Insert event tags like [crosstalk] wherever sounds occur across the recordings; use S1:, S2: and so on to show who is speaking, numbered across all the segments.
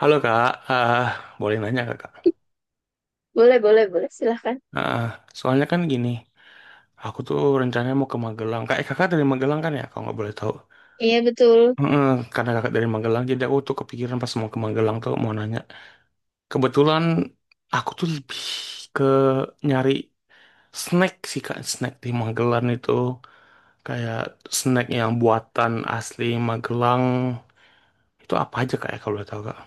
S1: Halo Kak. Boleh nanya Kak?
S2: Boleh, boleh, boleh. Silahkan.
S1: Ah, soalnya kan gini, aku tuh rencananya mau ke Magelang. Kayak kakak dari Magelang kan ya, kalau nggak boleh tahu.
S2: Iya, betul.
S1: Heeh, karena kakak dari Magelang, jadi aku tuh kepikiran pas mau ke Magelang tuh mau nanya. Kebetulan aku tuh lebih ke nyari snack sih Kak, snack di Magelang itu. Kayak snack yang buatan asli Magelang. Itu apa aja Kak ya kalau boleh tahu Kak?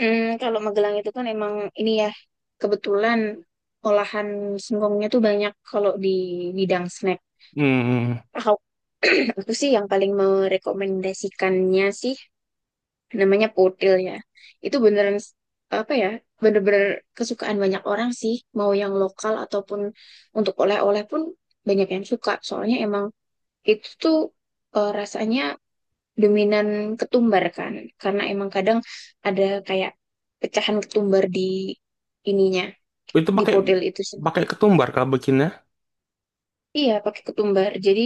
S2: Kalau Magelang itu kan emang ini ya, kebetulan olahan singkongnya tuh banyak kalau di bidang snack.
S1: Hmm,
S2: Aku, [clears throat] aku sih yang paling merekomendasikannya sih namanya potil ya. Itu beneran apa ya, bener-bener kesukaan banyak orang sih. Mau yang lokal ataupun untuk oleh-oleh pun banyak yang suka. Soalnya emang itu tuh rasanya dominan ketumbar kan karena emang kadang ada kayak pecahan ketumbar di ininya
S1: itu
S2: di
S1: pakai
S2: potel itu sendiri.
S1: pakai ketumbar Kak bikinnya?
S2: Iya, pakai ketumbar, jadi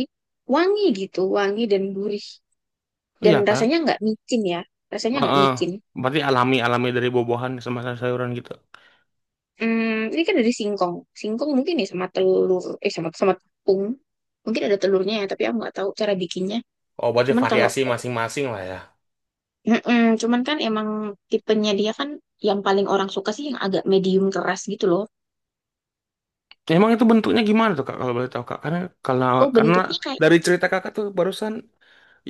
S2: wangi gitu, wangi dan gurih, dan
S1: Iya Kak.
S2: rasanya nggak micin ya, rasanya nggak
S1: Heeh.
S2: micin.
S1: Berarti alami-alami dari buah-buahan sama sayuran gitu.
S2: Ini kan dari singkong, singkong mungkin ya, sama telur, sama sama tepung. Mungkin ada telurnya ya, tapi aku nggak tahu cara bikinnya.
S1: Oh, berarti
S2: Cuman kalau
S1: variasi masing-masing lah ya.
S2: mm-mm, cuman kan emang tipenya dia kan yang paling orang suka sih yang agak medium keras gitu loh.
S1: Emang itu bentuknya gimana tuh Kak kalau boleh tahu Kak? Kalau
S2: Oh,
S1: karena
S2: bentuknya kayak,
S1: dari cerita kakak tuh barusan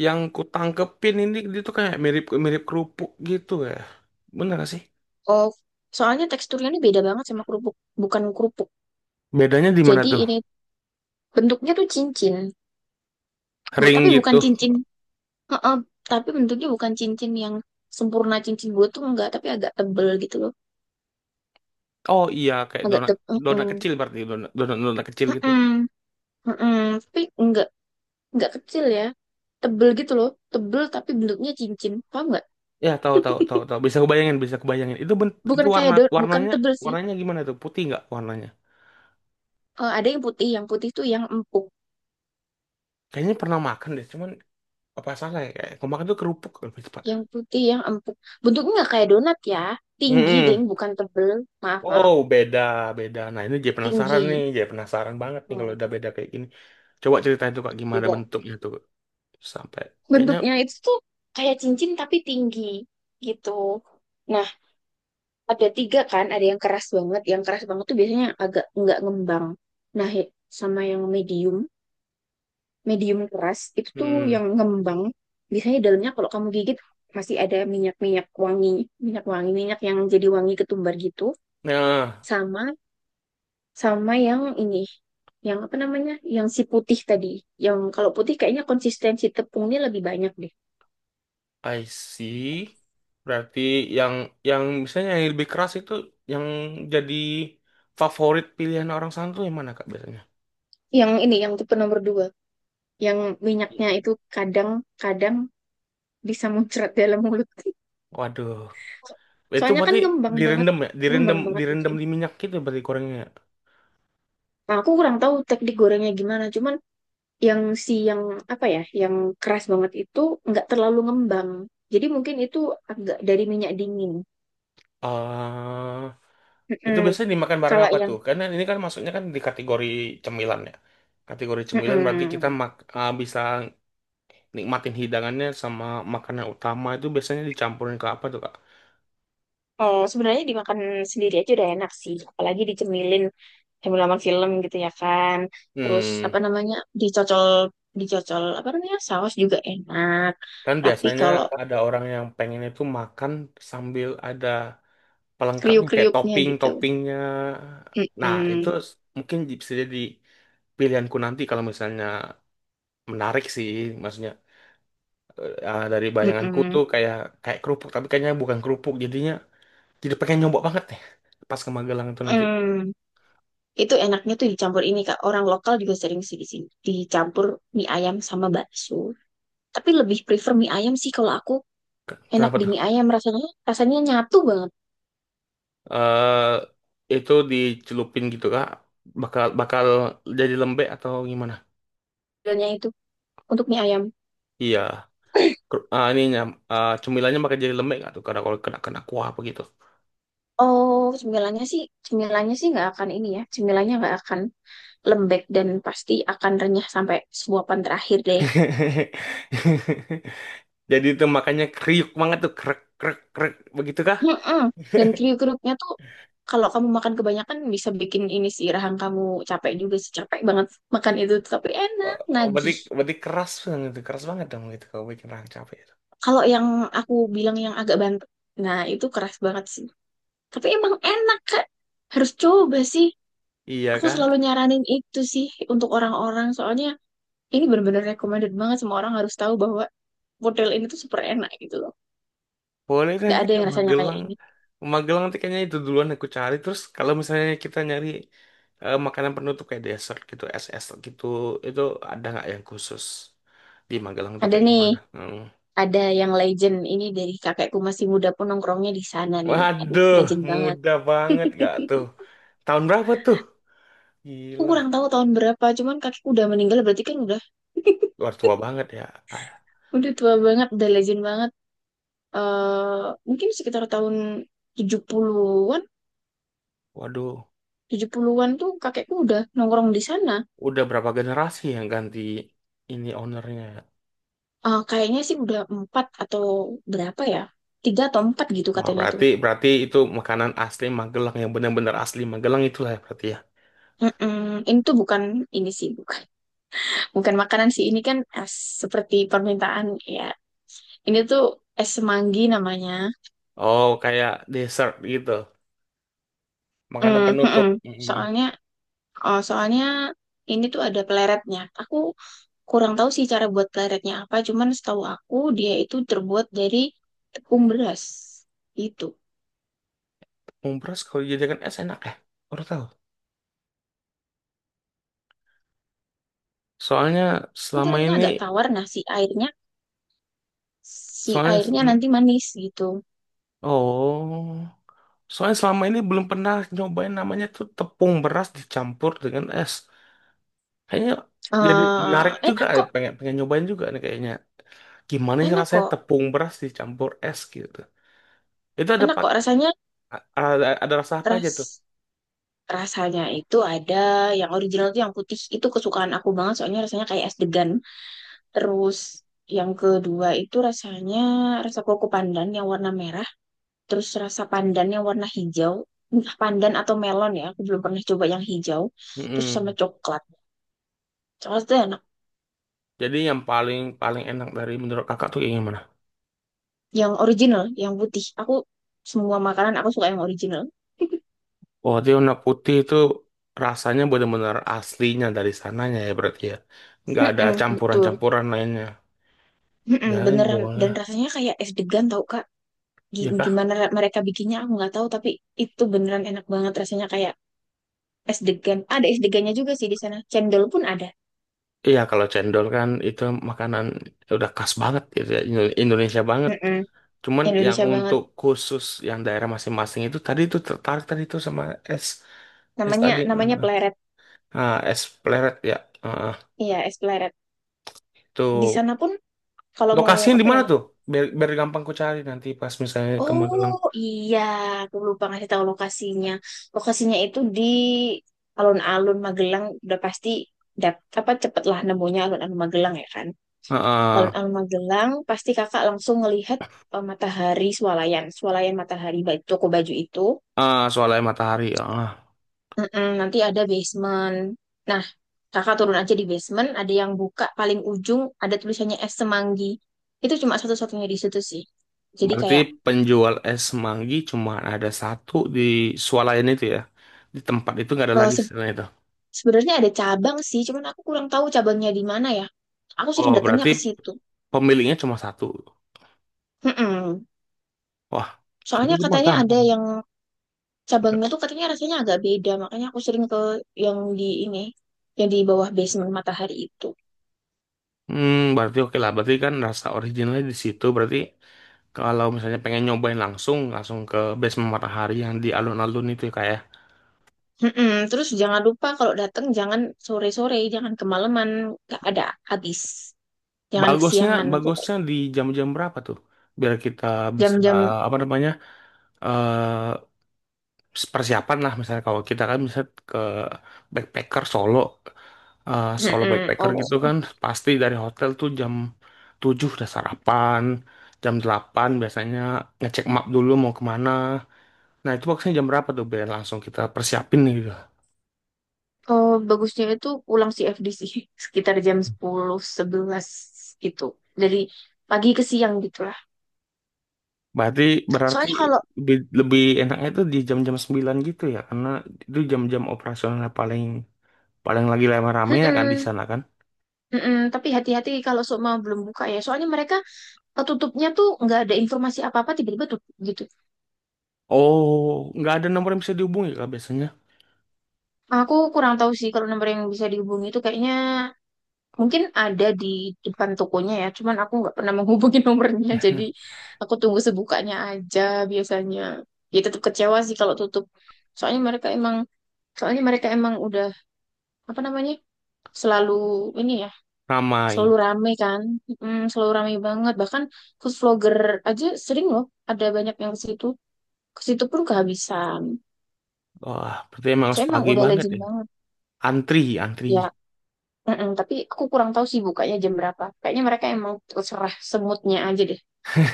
S1: yang ku tangkepin ini dia tuh kayak mirip mirip kerupuk gitu ya. Bener gak sih?
S2: oh, soalnya teksturnya ini beda banget sama kerupuk, bukan kerupuk.
S1: Bedanya di mana
S2: Jadi
S1: tuh?
S2: ini bentuknya tuh cincin, bu,
S1: Ring
S2: tapi bukan
S1: gitu.
S2: cincin. Heeh, tapi bentuknya bukan cincin yang sempurna cincin gue tuh enggak, tapi agak tebel gitu loh,
S1: Oh iya, kayak
S2: agak
S1: donat,
S2: tebel.
S1: donat kecil, berarti donat, donat, donat kecil gitu.
S2: Tapi enggak kecil ya, tebel gitu loh, tebel tapi bentuknya cincin, paham enggak?
S1: Ya, tahu, tahu, tahu, tahu. Bisa kebayangin, bisa kebayangin. Itu bent itu
S2: Bukan kayak
S1: warna
S2: daun, bukan
S1: warnanya
S2: tebel sih.
S1: warnanya gimana tuh? Putih nggak warnanya?
S2: Eh, ada yang putih tuh yang empuk,
S1: Kayaknya pernah makan deh. Cuman apa salah ya, kayak kemarin tuh kerupuk lebih cepat.
S2: yang putih yang empuk. Bentuknya enggak kayak donat ya, tinggi
S1: Mm-mm.
S2: deng, bukan tebel. Maaf
S1: Wow,
S2: maaf.
S1: beda, beda. Nah, ini jadi penasaran nih,
S2: Tinggi.
S1: jadi penasaran banget nih kalau
S2: Hmm,
S1: udah beda kayak gini. Coba ceritain tuh Kak, gimana
S2: gitu.
S1: bentuknya tuh sampai kayaknya
S2: Bentuknya itu tuh kayak cincin tapi tinggi gitu. Nah, ada tiga kan, ada yang keras banget. Yang keras banget tuh biasanya agak nggak ngembang. Nah, he-, sama yang medium, medium keras itu tuh
S1: hmm.
S2: yang ngembang. Biasanya dalamnya kalau kamu gigit masih ada minyak-minyak wangi, minyak yang jadi wangi ketumbar gitu.
S1: Nah,
S2: Sama sama yang ini, yang apa namanya, yang si putih tadi. Yang kalau putih kayaknya konsistensi tepungnya lebih banyak deh.
S1: I see. Berarti yang yang misalnya yang lebih keras itu yang jadi favorit pilihan orang sana tuh yang mana Kak biasanya?
S2: Yang ini yang tipe nomor dua, yang
S1: I-
S2: minyaknya itu kadang-kadang bisa muncrat dalam mulut.
S1: Waduh,
S2: [laughs]
S1: itu
S2: Soalnya kan
S1: berarti
S2: ngembang banget,
S1: direndam ya, direndam
S2: ngembang banget gitu
S1: direndam
S2: ya.
S1: di minyak gitu berarti gorengnya, ya?
S2: Nah, aku kurang tahu teknik gorengnya gimana, cuman yang si yang apa ya, yang keras banget itu nggak terlalu ngembang, jadi mungkin itu agak dari minyak dingin.
S1: Eh, Itu
S2: Mm-mm.
S1: biasanya dimakan bareng
S2: Kalau
S1: apa
S2: yang
S1: tuh? Karena ini kan masuknya kan di kategori cemilan ya. Kategori cemilan berarti kita
S2: mm-mm.
S1: bisa nikmatin hidangannya sama makanan utama itu biasanya dicampurin ke apa tuh, Kak?
S2: Oh, sebenarnya dimakan sendiri aja udah enak sih, apalagi dicemilin halaman film gitu ya kan. Terus
S1: Hmm,
S2: apa namanya, dicocol, dicocol apa namanya saus juga enak.
S1: kan
S2: Tapi
S1: biasanya
S2: kalau
S1: ada orang yang pengen itu makan sambil ada pelengkapnya kayak
S2: kriuk-kriuknya gitu,
S1: topping-toppingnya. Nah, itu
S2: mm-mm,
S1: mungkin bisa jadi pilihanku nanti kalau misalnya menarik sih, maksudnya dari bayanganku
S2: mm-mm,
S1: tuh kayak kayak kerupuk, tapi kayaknya bukan kerupuk jadinya. Jadi pengen nyoba banget nih pas ke Magelang itu nanti.
S2: mm. Itu enaknya tuh dicampur ini Kak. Orang lokal juga sering sih di sini. Dicampur mie ayam sama bakso. Tapi lebih prefer mie ayam sih kalau aku.
S1: Ke-
S2: Enak
S1: Kenapa
S2: di
S1: tuh?
S2: mie ayam rasanya. Rasanya nyatu banget
S1: eh itu dicelupin gitu kah? Bakal bakal jadi lembek atau gimana?
S2: cemilannya itu untuk mie ayam.
S1: Iya. Ker- Ah, ininya cemilannya bakal jadi lembek nggak tuh? Karena kalau kena kena kuah apa gitu.
S2: Oh, cemilannya sih nggak akan ini ya. Cemilannya nggak akan lembek dan pasti akan renyah sampai suapan terakhir deh.
S1: [laughs] Jadi itu makanya kriuk banget tuh krek krek krek begitu kah?
S2: Mm-mm. Dan kriuk-kriuknya tuh kalau kamu makan kebanyakan bisa bikin ini sih rahang kamu capek juga sih, capek banget makan itu tapi enak
S1: Eh, berarti
S2: nagih.
S1: berarti keras banget tuh, keras banget dong itu kalau bikin orang capek itu.
S2: Kalau yang aku bilang yang agak bantu, nah itu keras banget sih. Tapi emang enak Kak, harus coba sih.
S1: Iya
S2: Aku
S1: kah?
S2: selalu nyaranin itu sih untuk orang-orang, soalnya ini benar-benar recommended banget, semua orang harus tahu bahwa model ini tuh super enak gitu loh.
S1: Boleh deh,
S2: Gak
S1: nanti
S2: ada
S1: ke
S2: yang rasanya kayak
S1: Magelang.
S2: ini.
S1: Magelang nanti kayaknya itu duluan aku cari. Terus kalau misalnya kita nyari makanan penutup kayak dessert gitu, es es gitu, itu ada nggak yang khusus di Magelang tuh
S2: Ada
S1: kayak
S2: nih,
S1: gimana? Hmm.
S2: ada yang legend ini dari kakekku masih muda pun nongkrongnya di sana nih. Aduh,
S1: Waduh,
S2: legend banget.
S1: mudah banget gak tuh?
S2: [laughs]
S1: Tahun berapa tuh?
S2: Aku
S1: Gila,
S2: kurang tahu tahun berapa, cuman kakekku udah meninggal berarti kan
S1: luar tua banget ya. Ah.
S2: udah tua banget, udah legend banget. Eh mungkin sekitar tahun 70-an,
S1: Waduh,
S2: 70-an tuh kakekku udah nongkrong di sana.
S1: udah berapa generasi yang ganti ini ownernya?
S2: Eh, kayaknya sih udah empat atau berapa ya? Tiga atau empat gitu
S1: Wah,
S2: katanya tuh.
S1: berarti berarti itu makanan asli Magelang yang benar-benar asli Magelang itulah ya berarti ya.
S2: Mm-mm. Ini tuh bukan ini sih, bukan bukan makanan sih. Ini kan seperti permintaan ya. Ini tuh es semanggi namanya.
S1: Oh, kayak dessert gitu. Makanan
S2: Hmm,
S1: penutup.
S2: hmm,
S1: Mm-mm.
S2: soalnya, oh, soalnya ini tuh ada peleretnya. Aku kurang tahu sih cara buat peleretnya apa, cuman setahu aku dia itu terbuat dari tepung beras itu.
S1: Umpress kalau dijadikan es enak ya? Baru tahu. Soalnya
S2: Nanti
S1: selama
S2: rasanya
S1: ini,
S2: agak tawar, nah si
S1: soalnya,
S2: airnya
S1: mm,
S2: nanti manis gitu.
S1: oh, soalnya selama ini belum pernah nyobain namanya tuh tepung beras dicampur dengan es. Kayaknya jadi menarik juga,
S2: Enak kok,
S1: pengen pengen nyobain juga nih kayaknya. Gimana sih
S2: enak
S1: rasanya
S2: kok,
S1: tepung beras dicampur es gitu? Itu ada
S2: enak kok
S1: pak-
S2: rasanya.
S1: ada, ada rasa apa aja tuh?
S2: Ras, rasanya itu ada yang original tuh yang putih itu kesukaan aku banget, soalnya rasanya kayak es degan. Terus yang kedua itu rasanya rasa koko pandan yang warna merah, terus rasa pandan yang warna hijau, entah pandan atau melon ya, aku belum pernah coba yang hijau, terus sama
S1: Mm-mm.
S2: coklat. Coklatnya enak,
S1: Jadi yang paling paling enak dari menurut kakak tuh yang gimana?
S2: yang original, yang putih. Aku semua makanan aku suka yang original.
S1: Oh, dia warna putih itu rasanya benar-benar aslinya dari sananya ya berarti ya. Nggak ada
S2: Mm-mm, betul.
S1: campuran-campuran lainnya.
S2: Mm-mm,
S1: Ya,
S2: beneran dan
S1: boleh.
S2: rasanya kayak es degan tau Kak. Gi-,
S1: Ya kah?
S2: Gimana ra-, mereka bikinnya aku nggak tahu tapi itu beneran enak banget rasanya kayak es degan. Ada es degannya juga sih di sana. Cendol pun ada.
S1: Iya, kalau cendol kan itu makanan udah khas banget gitu ya, Indonesia banget.
S2: Mm-mm.
S1: Cuman yang
S2: Indonesia banget.
S1: untuk khusus yang daerah masing-masing itu tadi itu tertarik tadi itu sama es es
S2: Namanya
S1: tadi
S2: namanya Pleret.
S1: es pleret ya. Ah,
S2: Iya, es Pleret. Di
S1: itu
S2: sana pun kalau mau
S1: lokasinya di
S2: apa
S1: mana
S2: ya?
S1: tuh? Biar gampang ku cari nanti pas misalnya ke Magelang.
S2: Oh, iya, aku lupa ngasih tahu lokasinya. Lokasinya itu di alun-alun Magelang udah pasti, dap- apa cepet lah nemunya alun-alun Magelang ya kan.
S1: Heeh. Ah,
S2: Alun-alun Magelang pasti kakak langsung ngelihat, matahari swalayan, swalayan matahari ba- toko baju itu.
S1: Ah, soalnya matahari. Ah.
S2: Mm-mm, nanti ada basement. Nah, kakak turun aja di basement, ada yang buka paling ujung, ada tulisannya es semanggi. Itu cuma satu-satunya di situ sih. Jadi
S1: Berarti
S2: kayak,
S1: penjual es manggi cuma ada satu di swalayan itu ya. Di tempat itu nggak ada
S2: eh,
S1: lagi
S2: se-
S1: setelah itu.
S2: sebenarnya ada cabang sih, cuman aku kurang tahu cabangnya di mana ya. Aku sering
S1: Oh,
S2: datangnya
S1: berarti
S2: ke situ.
S1: pemiliknya cuma satu.
S2: Mm-mm.
S1: Wah,
S2: Soalnya
S1: itu mah
S2: katanya ada
S1: gampang.
S2: yang cabangnya tuh katanya rasanya agak beda, makanya aku sering ke yang di ini, yang di bawah basement matahari itu.
S1: Berarti oke lah. Berarti kan rasa originalnya di situ. Berarti kalau misalnya pengen nyobain langsung, langsung ke Basement Matahari yang di alun-alun itu ya kayak.
S2: Mm-mm. Terus jangan lupa kalau datang jangan sore-sore, jangan kemalaman, nggak ada habis. Jangan
S1: Bagusnya,
S2: kesiangan
S1: bagusnya
S2: pokoknya.
S1: di jam-jam berapa tuh? Biar kita bisa
S2: Jam-jam
S1: apa namanya? eh persiapan lah misalnya kalau kita kan bisa ke backpacker Solo, solo
S2: mm-mm.
S1: backpacker
S2: Oh.
S1: gitu kan. Pasti dari hotel tuh jam 7 udah sarapan, jam 8 biasanya ngecek map dulu mau kemana. Nah, itu maksudnya jam berapa tuh biar langsung kita persiapin nih gitu.
S2: Oh, bagusnya itu pulang CFD sih [laughs] sekitar jam 10-11 gitu. Dari pagi ke siang gitu.
S1: Berarti berarti
S2: Soalnya kalau
S1: lebih enaknya tuh di jam-jam 9 gitu ya karena itu jam-jam operasional paling paling lagi rame-rame ya kan di
S2: mm-mm,
S1: sana kan.
S2: mm-mm. Tapi hati-hati kalau Sukma belum buka ya. Soalnya mereka tutupnya tuh nggak ada informasi apa-apa tiba-tiba tutup gitu.
S1: Oh, nggak ada nomor yang bisa dihubungi kan biasanya.
S2: Aku kurang tahu sih kalau nomor yang bisa dihubungi itu kayaknya mungkin ada di depan tokonya ya, cuman aku nggak pernah menghubungi [laughs] nomornya, jadi
S1: [laughs]
S2: aku tunggu sebukanya aja biasanya. Ya tetap kecewa sih kalau tutup. Soalnya mereka emang, soalnya mereka emang udah apa namanya, selalu ini ya, selalu
S1: Ramai.
S2: rame kan, mm, selalu rame banget. Bahkan food vlogger aja sering loh, ada banyak yang ke situ pun kehabisan.
S1: Wah, berarti emang
S2: Saya
S1: harus
S2: emang
S1: pagi
S2: udah
S1: banget
S2: legend
S1: ya,
S2: banget
S1: antri, antri.
S2: ya. Mm-mm, tapi aku kurang tahu sih bukanya jam berapa. Kayaknya mereka emang terserah semutnya aja deh.
S1: [laughs]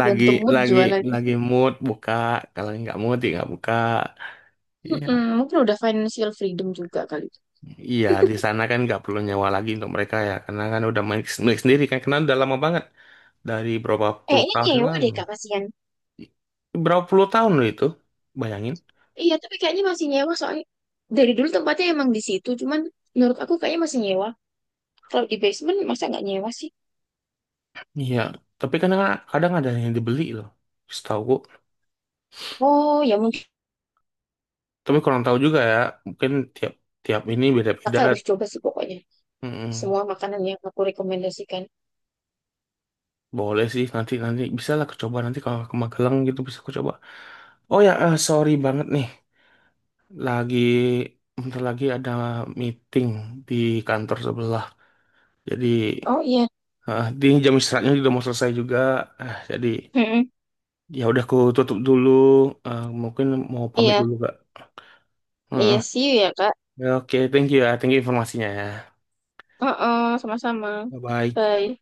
S1: lagi
S2: mood
S1: lagi
S2: jualannya.
S1: lagi mood buka, kalau nggak mood ya nggak buka, iya.
S2: Mm-mm, mungkin udah financial freedom juga kali.
S1: Iya, di sana kan nggak perlu nyewa lagi untuk mereka ya karena kan udah milik sendiri kan karena udah lama banget, dari berapa puluh
S2: Kayaknya
S1: tahun yang
S2: nyewa
S1: lalu.
S2: deh Kak kasihan.
S1: I- berapa puluh tahun loh itu, bayangin.
S2: Iya, tapi kayaknya masih nyewa soalnya dari dulu tempatnya emang di situ, cuman menurut aku kayaknya masih nyewa. Kalau di basement masa nggak nyewa sih?
S1: Iya, tapi kan kadang kadang ada yang dibeli loh, setahu gua.
S2: Oh, ya mungkin.
S1: Tapi kurang tahu juga ya, mungkin tiap tiap ini beda-beda.
S2: Kakak harus coba sih pokoknya.
S1: Mm-mm.
S2: Semua makanan yang aku rekomendasikan.
S1: Boleh sih, nanti nanti bisa lah aku coba nanti kalau ke Magelang gitu bisa aku coba. Oh ya, sorry banget nih. Lagi Bentar lagi ada meeting di kantor sebelah. Jadi
S2: Oh iya.
S1: di jam istirahatnya juga mau selesai juga. Jadi
S2: Mm-mm.
S1: ya udah aku tutup dulu. Mungkin mau pamit
S2: Iya,
S1: dulu Kak.
S2: iya
S1: Heeh.
S2: sih ya Kak.
S1: Ya, oke, thank you ya. Thank you informasinya ya.
S2: Oh sama-sama.
S1: Bye bye.
S2: Bye.